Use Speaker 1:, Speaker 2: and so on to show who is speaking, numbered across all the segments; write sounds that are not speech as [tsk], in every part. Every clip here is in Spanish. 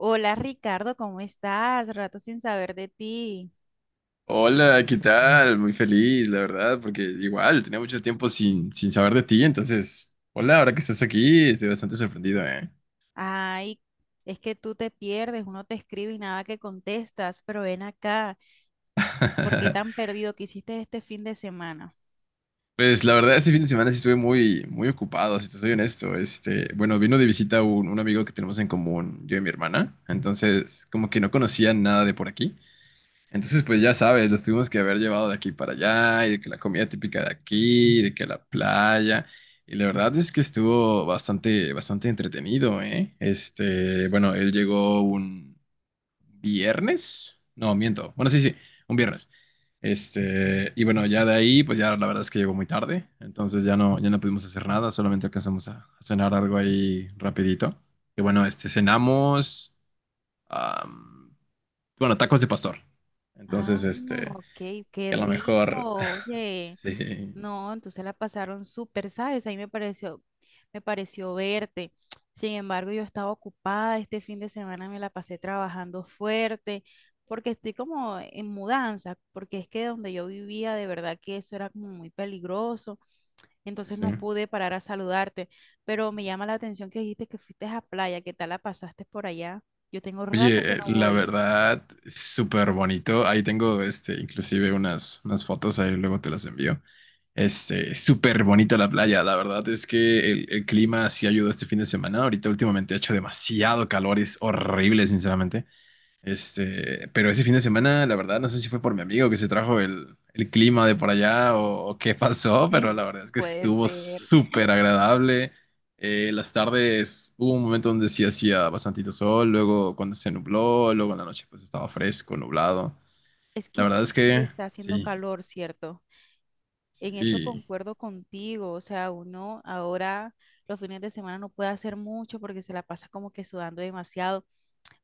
Speaker 1: Hola Ricardo, ¿cómo estás? Rato sin saber de ti.
Speaker 2: Hola, ¿qué tal? Muy feliz, la verdad, porque igual tenía mucho tiempo sin saber de ti, entonces, hola, ahora que estás aquí, estoy bastante sorprendido, ¿eh?
Speaker 1: Ay, es que tú te pierdes, uno te escribe y nada que contestas, pero ven acá, ¿por qué tan
Speaker 2: [laughs]
Speaker 1: perdido? ¿Qué hiciste este fin de semana?
Speaker 2: Pues la verdad, ese fin de semana sí estuve muy ocupado, si te soy honesto. Bueno, vino de visita un amigo que tenemos en común, yo y mi hermana, entonces, como que no conocía nada de por aquí. Entonces, pues ya sabes, los tuvimos que haber llevado de aquí para allá, y de que la comida típica de aquí, y de que la playa, y la verdad es que estuvo bastante entretenido, ¿eh? Bueno, él llegó un viernes, no, miento, bueno, sí, sí, un viernes. Y bueno, ya de ahí, pues ya la verdad es que llegó muy tarde, entonces ya no pudimos hacer nada, solamente alcanzamos a cenar algo ahí rapidito. Y bueno, cenamos, am, bueno, tacos de pastor.
Speaker 1: Ah,
Speaker 2: Entonces,
Speaker 1: ok, qué
Speaker 2: a lo
Speaker 1: rico,
Speaker 2: mejor, [laughs]
Speaker 1: oye.
Speaker 2: sí,
Speaker 1: No, entonces la pasaron súper, ¿sabes? Me pareció verte. Sin embargo, yo estaba ocupada, este fin de semana me la pasé trabajando fuerte, porque estoy como en mudanza, porque es que donde yo vivía, de verdad que eso era como muy peligroso,
Speaker 2: sí,
Speaker 1: entonces
Speaker 2: sí.
Speaker 1: no pude parar a saludarte, pero me llama la atención que dijiste que fuiste a playa, ¿qué tal la pasaste por allá? Yo tengo rato
Speaker 2: Oye,
Speaker 1: que no
Speaker 2: la
Speaker 1: voy.
Speaker 2: verdad, súper bonito. Ahí tengo, inclusive unas fotos, ahí luego te las envío. Súper bonita la playa. La verdad es que el clima sí ayudó este fin de semana. Ahorita últimamente ha hecho demasiado calor, es horrible, sinceramente. Pero ese fin de semana, la verdad, no sé si fue por mi amigo que se trajo el clima de por allá o qué [laughs] pasó, pero la verdad es
Speaker 1: [laughs]
Speaker 2: que
Speaker 1: Puede
Speaker 2: estuvo
Speaker 1: ser.
Speaker 2: súper agradable. Las tardes hubo un momento donde sí hacía bastantito sol, luego cuando se nubló, luego en la noche pues estaba fresco, nublado.
Speaker 1: Es
Speaker 2: La
Speaker 1: que
Speaker 2: verdad es
Speaker 1: sí,
Speaker 2: que
Speaker 1: está haciendo
Speaker 2: sí,
Speaker 1: calor, ¿cierto? En eso
Speaker 2: sí,
Speaker 1: concuerdo contigo, o sea, uno ahora los fines de semana no puede hacer mucho porque se la pasa como que sudando demasiado.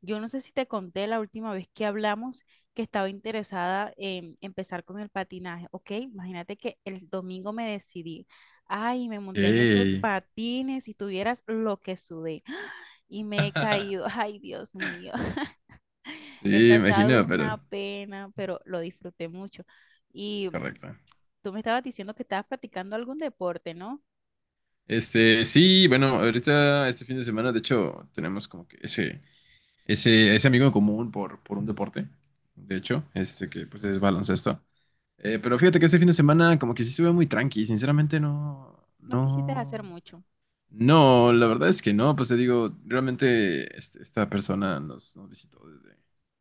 Speaker 1: Yo no sé si te conté la última vez que hablamos que estaba interesada en empezar con el patinaje, ¿ok? Imagínate que el domingo me decidí, ay, me monté en esos
Speaker 2: ey,
Speaker 1: patines y tuvieras lo que sudé. [gasps] Y me he caído, [laughs] ay, Dios mío. [laughs] He
Speaker 2: sí,
Speaker 1: pasado
Speaker 2: imagino, pero
Speaker 1: una pena, pero lo disfruté mucho.
Speaker 2: es
Speaker 1: Y
Speaker 2: correcto.
Speaker 1: tú me estabas diciendo que estabas practicando algún deporte, ¿no?
Speaker 2: Sí, bueno, ahorita este fin de semana, de hecho, tenemos como que ese amigo en común por un deporte, de hecho, que pues es baloncesto. Pero fíjate que este fin de semana como que sí se ve muy tranqui, sinceramente no,
Speaker 1: No quisiste hacer
Speaker 2: no,
Speaker 1: mucho.
Speaker 2: no, la verdad es que no, pues te digo, realmente esta persona nos visitó desde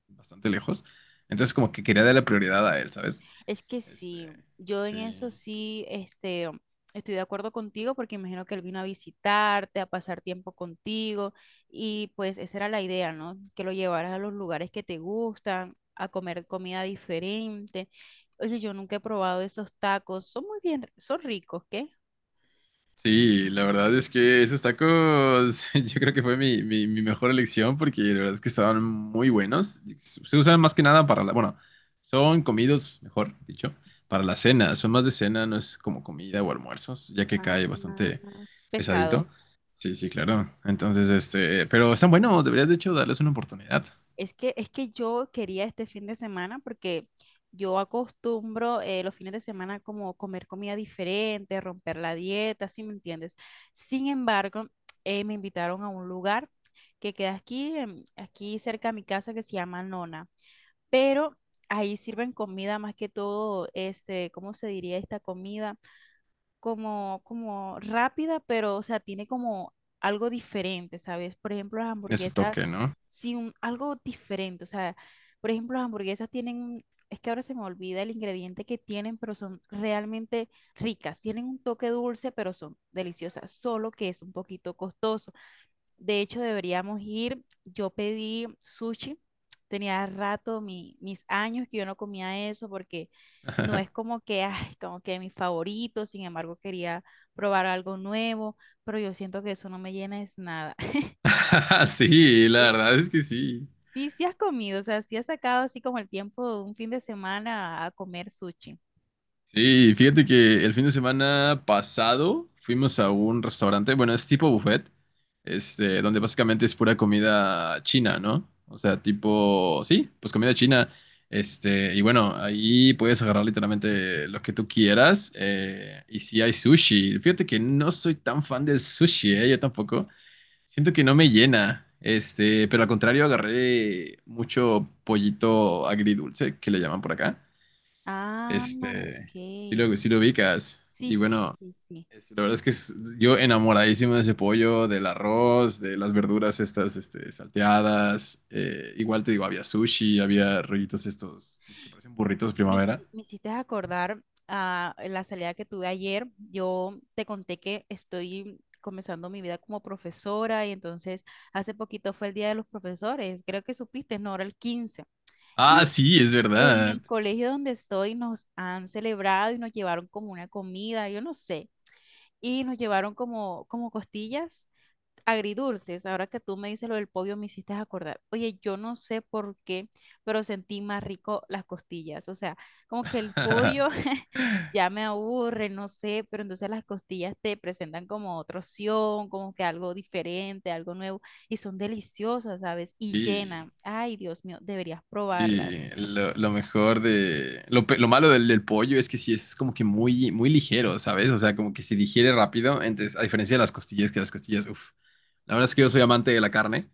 Speaker 2: bastante lejos, entonces como que quería darle prioridad a él, ¿sabes?
Speaker 1: Es que
Speaker 2: Este,
Speaker 1: sí, yo en eso
Speaker 2: sí,
Speaker 1: sí, estoy de acuerdo contigo porque imagino que él vino a visitarte, a pasar tiempo contigo y pues esa era la idea, ¿no? Que lo llevaras a los lugares que te gustan, a comer comida diferente. Oye, yo nunca he probado esos tacos, son muy bien, son ricos, ¿qué?
Speaker 2: Sí, la verdad es que esos tacos [laughs] yo creo que fue mi mejor elección porque la verdad es que estaban muy buenos. Se usan más que nada para la, bueno, son comidos, mejor dicho, para la cena. Son más de cena, no es como comida o almuerzos, ya que
Speaker 1: Ah,
Speaker 2: cae bastante pesadito.
Speaker 1: pesado.
Speaker 2: Sí, sí, claro. Entonces, pero están buenos, deberías de hecho darles una oportunidad.
Speaker 1: Es que yo quería este fin de semana porque yo acostumbro los fines de semana como comer comida diferente, romper la dieta, ¿sí me entiendes? Sin embargo, me invitaron a un lugar que queda aquí, aquí cerca de mi casa que se llama Nona, pero ahí sirven comida más que todo, este, ¿cómo se diría esta comida? Como, como rápida, pero, o sea, tiene como algo diferente, ¿sabes? Por ejemplo, las
Speaker 2: Tiene su toque,
Speaker 1: hamburguesas,
Speaker 2: ¿no?
Speaker 1: sí, algo diferente, o sea, por ejemplo, las hamburguesas tienen, es que ahora se me olvida el ingrediente que tienen, pero son realmente ricas, tienen un toque dulce, pero son deliciosas, solo que es un poquito costoso. De hecho, deberíamos ir. Yo pedí sushi. Tenía rato, mis años que yo no comía eso porque no es
Speaker 2: [laughs]
Speaker 1: como que, ay, como que mi favorito. Sin embargo, quería probar algo nuevo, pero yo siento que eso no me llena es nada. [laughs]
Speaker 2: Sí, la
Speaker 1: Es-
Speaker 2: verdad es que sí.
Speaker 1: sí, sí has comido, o sea, sí has sacado así como el tiempo de un fin de semana a comer sushi.
Speaker 2: Sí, fíjate que el fin de semana pasado fuimos a un restaurante, bueno, es tipo buffet, donde básicamente es pura comida china, ¿no? O sea, tipo, sí, pues comida china, y bueno, ahí puedes agarrar literalmente lo que tú quieras, y si hay sushi, fíjate que no soy tan fan del sushi, ¿eh? Yo tampoco, siento que no me llena, pero al contrario agarré mucho pollito agridulce, que le llaman por acá.
Speaker 1: Ah, ok.
Speaker 2: Este, sí lo ubicas.
Speaker 1: Sí,
Speaker 2: Y
Speaker 1: sí,
Speaker 2: bueno,
Speaker 1: sí, sí.
Speaker 2: la verdad es que yo enamoradísimo de ese pollo, del arroz, de las verduras estas, salteadas. Igual te digo, había sushi, había rollitos estos, los que parecen burritos primavera.
Speaker 1: Me hiciste acordar a la salida que tuve ayer. Yo te conté que estoy comenzando mi vida como profesora y entonces hace poquito fue el Día de los Profesores, creo que supiste, no, era el 15.
Speaker 2: Ah,
Speaker 1: Y
Speaker 2: sí, es
Speaker 1: en
Speaker 2: verdad.
Speaker 1: el colegio donde estoy nos han celebrado y nos llevaron como una comida, yo no sé, y nos llevaron como, como costillas agridulces, ahora que tú me dices lo del pollo, me hiciste acordar. Oye, yo no sé por qué, pero sentí más rico las costillas. O sea, como que el pollo
Speaker 2: [laughs]
Speaker 1: [laughs] ya me aburre, no sé, pero entonces las costillas te presentan como otra opción, como que algo diferente, algo nuevo, y son deliciosas, ¿sabes? Y
Speaker 2: Sí.
Speaker 1: llenan. Ay, Dios mío, deberías
Speaker 2: Sí,
Speaker 1: probarlas.
Speaker 2: lo mejor de... Lo malo del pollo es que sí, es como que muy ligero, ¿sabes? O sea, como que se digiere rápido, entonces, a diferencia de las costillas, que las costillas, uff. La verdad es que yo soy amante de la carne,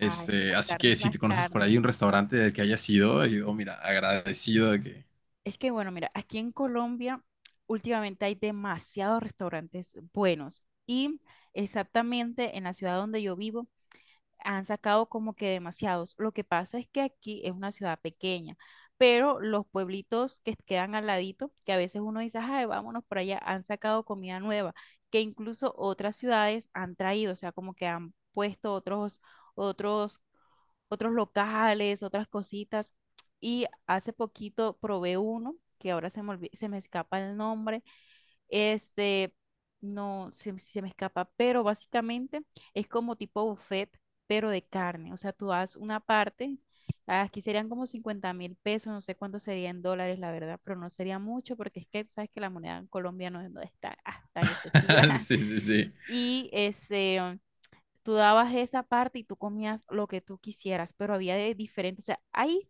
Speaker 1: Ay, que las
Speaker 2: así que
Speaker 1: carnes,
Speaker 2: si
Speaker 1: las
Speaker 2: te conoces por
Speaker 1: carnes.
Speaker 2: ahí un restaurante del que hayas ido, yo, oh, mira, agradecido de que...
Speaker 1: Es que bueno, mira, aquí en Colombia últimamente hay demasiados restaurantes buenos y exactamente en la ciudad donde yo vivo han sacado como que demasiados. Lo que pasa es que aquí es una ciudad pequeña, pero los pueblitos que quedan al ladito, que a veces uno dice, ay, vámonos por allá, han sacado comida nueva, que incluso otras ciudades han traído, o sea, como que han puesto otros, otros, otros locales, otras cositas. Y hace poquito probé uno, que ahora se me, se me escapa el nombre, este, no se, se me escapa, pero básicamente es como tipo buffet, pero de carne. O sea, tú das una parte, aquí serían como 50.000 pesos, no sé cuánto sería en dólares, la verdad, pero no sería mucho porque es que tú sabes que la moneda en Colombia no, es no es tan, ah, tan excesiva.
Speaker 2: [laughs]
Speaker 1: [laughs]
Speaker 2: Sí, sí, sí.
Speaker 1: Y este, tú dabas esa parte y tú comías lo que tú quisieras, pero había de diferente, o sea, hay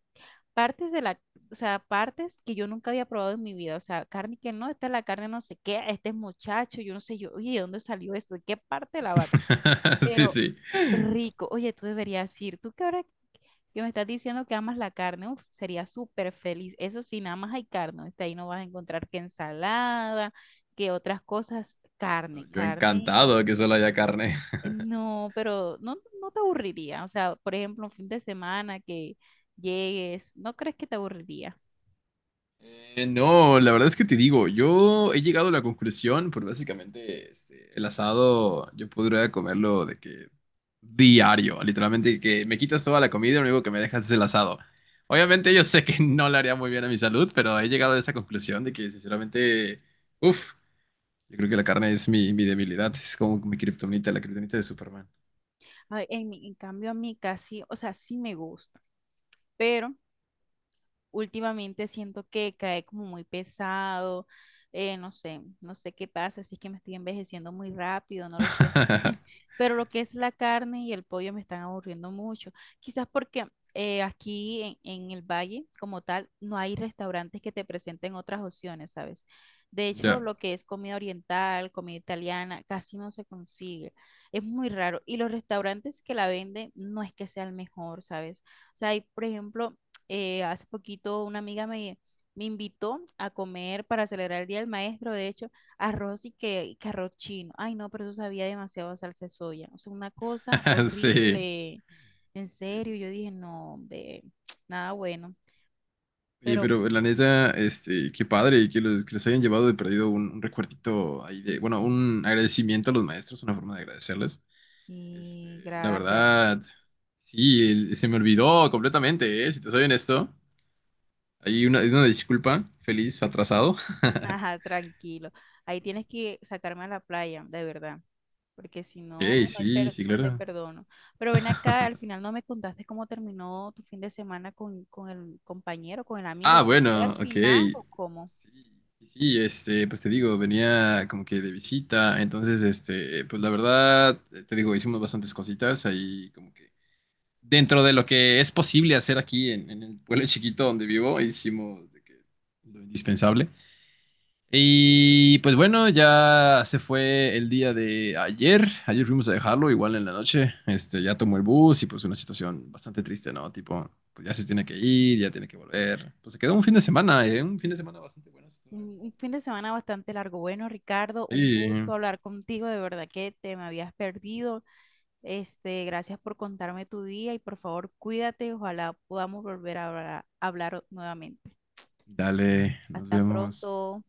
Speaker 1: partes de la, o sea, partes que yo nunca había probado en mi vida, o sea, carne que no, esta es la carne no sé qué, este es muchacho, yo no sé, yo, oye, ¿de dónde salió eso? ¿De qué parte de la vaca?
Speaker 2: [laughs] Sí,
Speaker 1: Pero
Speaker 2: sí.
Speaker 1: rico, oye, tú deberías ir, tú que ahora que me estás diciendo que amas la carne, uf, sería súper feliz, eso sí, nada más hay carne, está ahí no vas a encontrar que ensalada, que otras cosas,
Speaker 2: No,
Speaker 1: carne,
Speaker 2: yo
Speaker 1: carne
Speaker 2: encantado
Speaker 1: y...
Speaker 2: de que solo haya carne.
Speaker 1: No, pero no, no te aburriría, o sea, por ejemplo, un fin de semana que llegues, ¿no crees que te aburriría?
Speaker 2: No, la verdad es que te digo, yo he llegado a la conclusión, por básicamente el asado, yo podría comerlo de que diario, literalmente que me quitas toda la comida y lo único que me dejas es el asado. Obviamente yo sé que no le haría muy bien a mi salud, pero he llegado a esa conclusión de que sinceramente, uff, yo creo que la carne es mi debilidad, es como mi kriptonita, la kriptonita de Superman.
Speaker 1: Ay, en, en cambio, a mí casi, o sea, sí me gusta, pero últimamente siento que cae como muy pesado, no sé, no sé qué pasa, si es que me estoy envejeciendo muy rápido, no lo sé. [laughs]
Speaker 2: [laughs]
Speaker 1: Pero lo que es la carne y el pollo me están aburriendo mucho. Quizás porque aquí en el valle, como tal, no hay restaurantes que te presenten otras opciones, ¿sabes? De hecho,
Speaker 2: Ya,
Speaker 1: lo que es comida oriental, comida italiana, casi no se consigue. Es muy raro. Y los restaurantes que la venden no es que sea el mejor, ¿sabes? O sea, hay, por ejemplo, hace poquito una amiga me invitó a comer para celebrar el Día del Maestro, de hecho, arroz y que arroz chino. Ay, no, pero eso sabía demasiado a salsa de soya. O sea, una cosa
Speaker 2: [laughs] sí,
Speaker 1: horrible. En
Speaker 2: sí,
Speaker 1: serio,
Speaker 2: sí.
Speaker 1: yo
Speaker 2: Sí.
Speaker 1: dije, no, hombre, [tsk] nada bueno.
Speaker 2: Oye,
Speaker 1: Pero
Speaker 2: pero la neta, qué padre que los que les hayan llevado de perdido un recuerdito ahí de, bueno, un agradecimiento a los maestros, una forma de agradecerles. Este,
Speaker 1: sí,
Speaker 2: la
Speaker 1: gracias.
Speaker 2: verdad, sí, se me olvidó completamente, ¿eh? Si te soy honesto, hay hay una disculpa, feliz atrasado. [laughs]
Speaker 1: Ajá, tranquilo. Ahí tienes que sacarme a la playa, de verdad. Porque si
Speaker 2: Ok,
Speaker 1: no, no, hay
Speaker 2: sí, sí,
Speaker 1: no te
Speaker 2: claro.
Speaker 1: perdono. Pero ven acá, al final no me contaste cómo terminó tu fin de semana con el compañero, con el amigo.
Speaker 2: Ah,
Speaker 1: ¿Se fue
Speaker 2: bueno,
Speaker 1: al
Speaker 2: ok.
Speaker 1: final
Speaker 2: Sí,
Speaker 1: o cómo?
Speaker 2: sí, pues te digo, venía como que de visita, entonces, pues la verdad, te digo, hicimos bastantes cositas ahí como que dentro de lo que es posible hacer aquí en el pueblo chiquito donde vivo, hicimos de que lo indispensable. Y pues bueno, ya se fue el día de ayer. Ayer fuimos a dejarlo, igual en la noche. Ya tomó el bus y pues una situación bastante triste, ¿no? Tipo, pues ya se tiene que ir, ya tiene que volver. Pues se quedó un fin de semana, ¿eh? Un fin de semana bastante bueno. si
Speaker 1: Un fin de semana bastante largo. Bueno, Ricardo, un
Speaker 2: Sí,
Speaker 1: gusto hablar contigo. De verdad que te me habías perdido. Este, gracias por contarme tu día y por favor, cuídate. Ojalá podamos volver a hablar nuevamente.
Speaker 2: dale, nos
Speaker 1: Hasta
Speaker 2: vemos.
Speaker 1: pronto.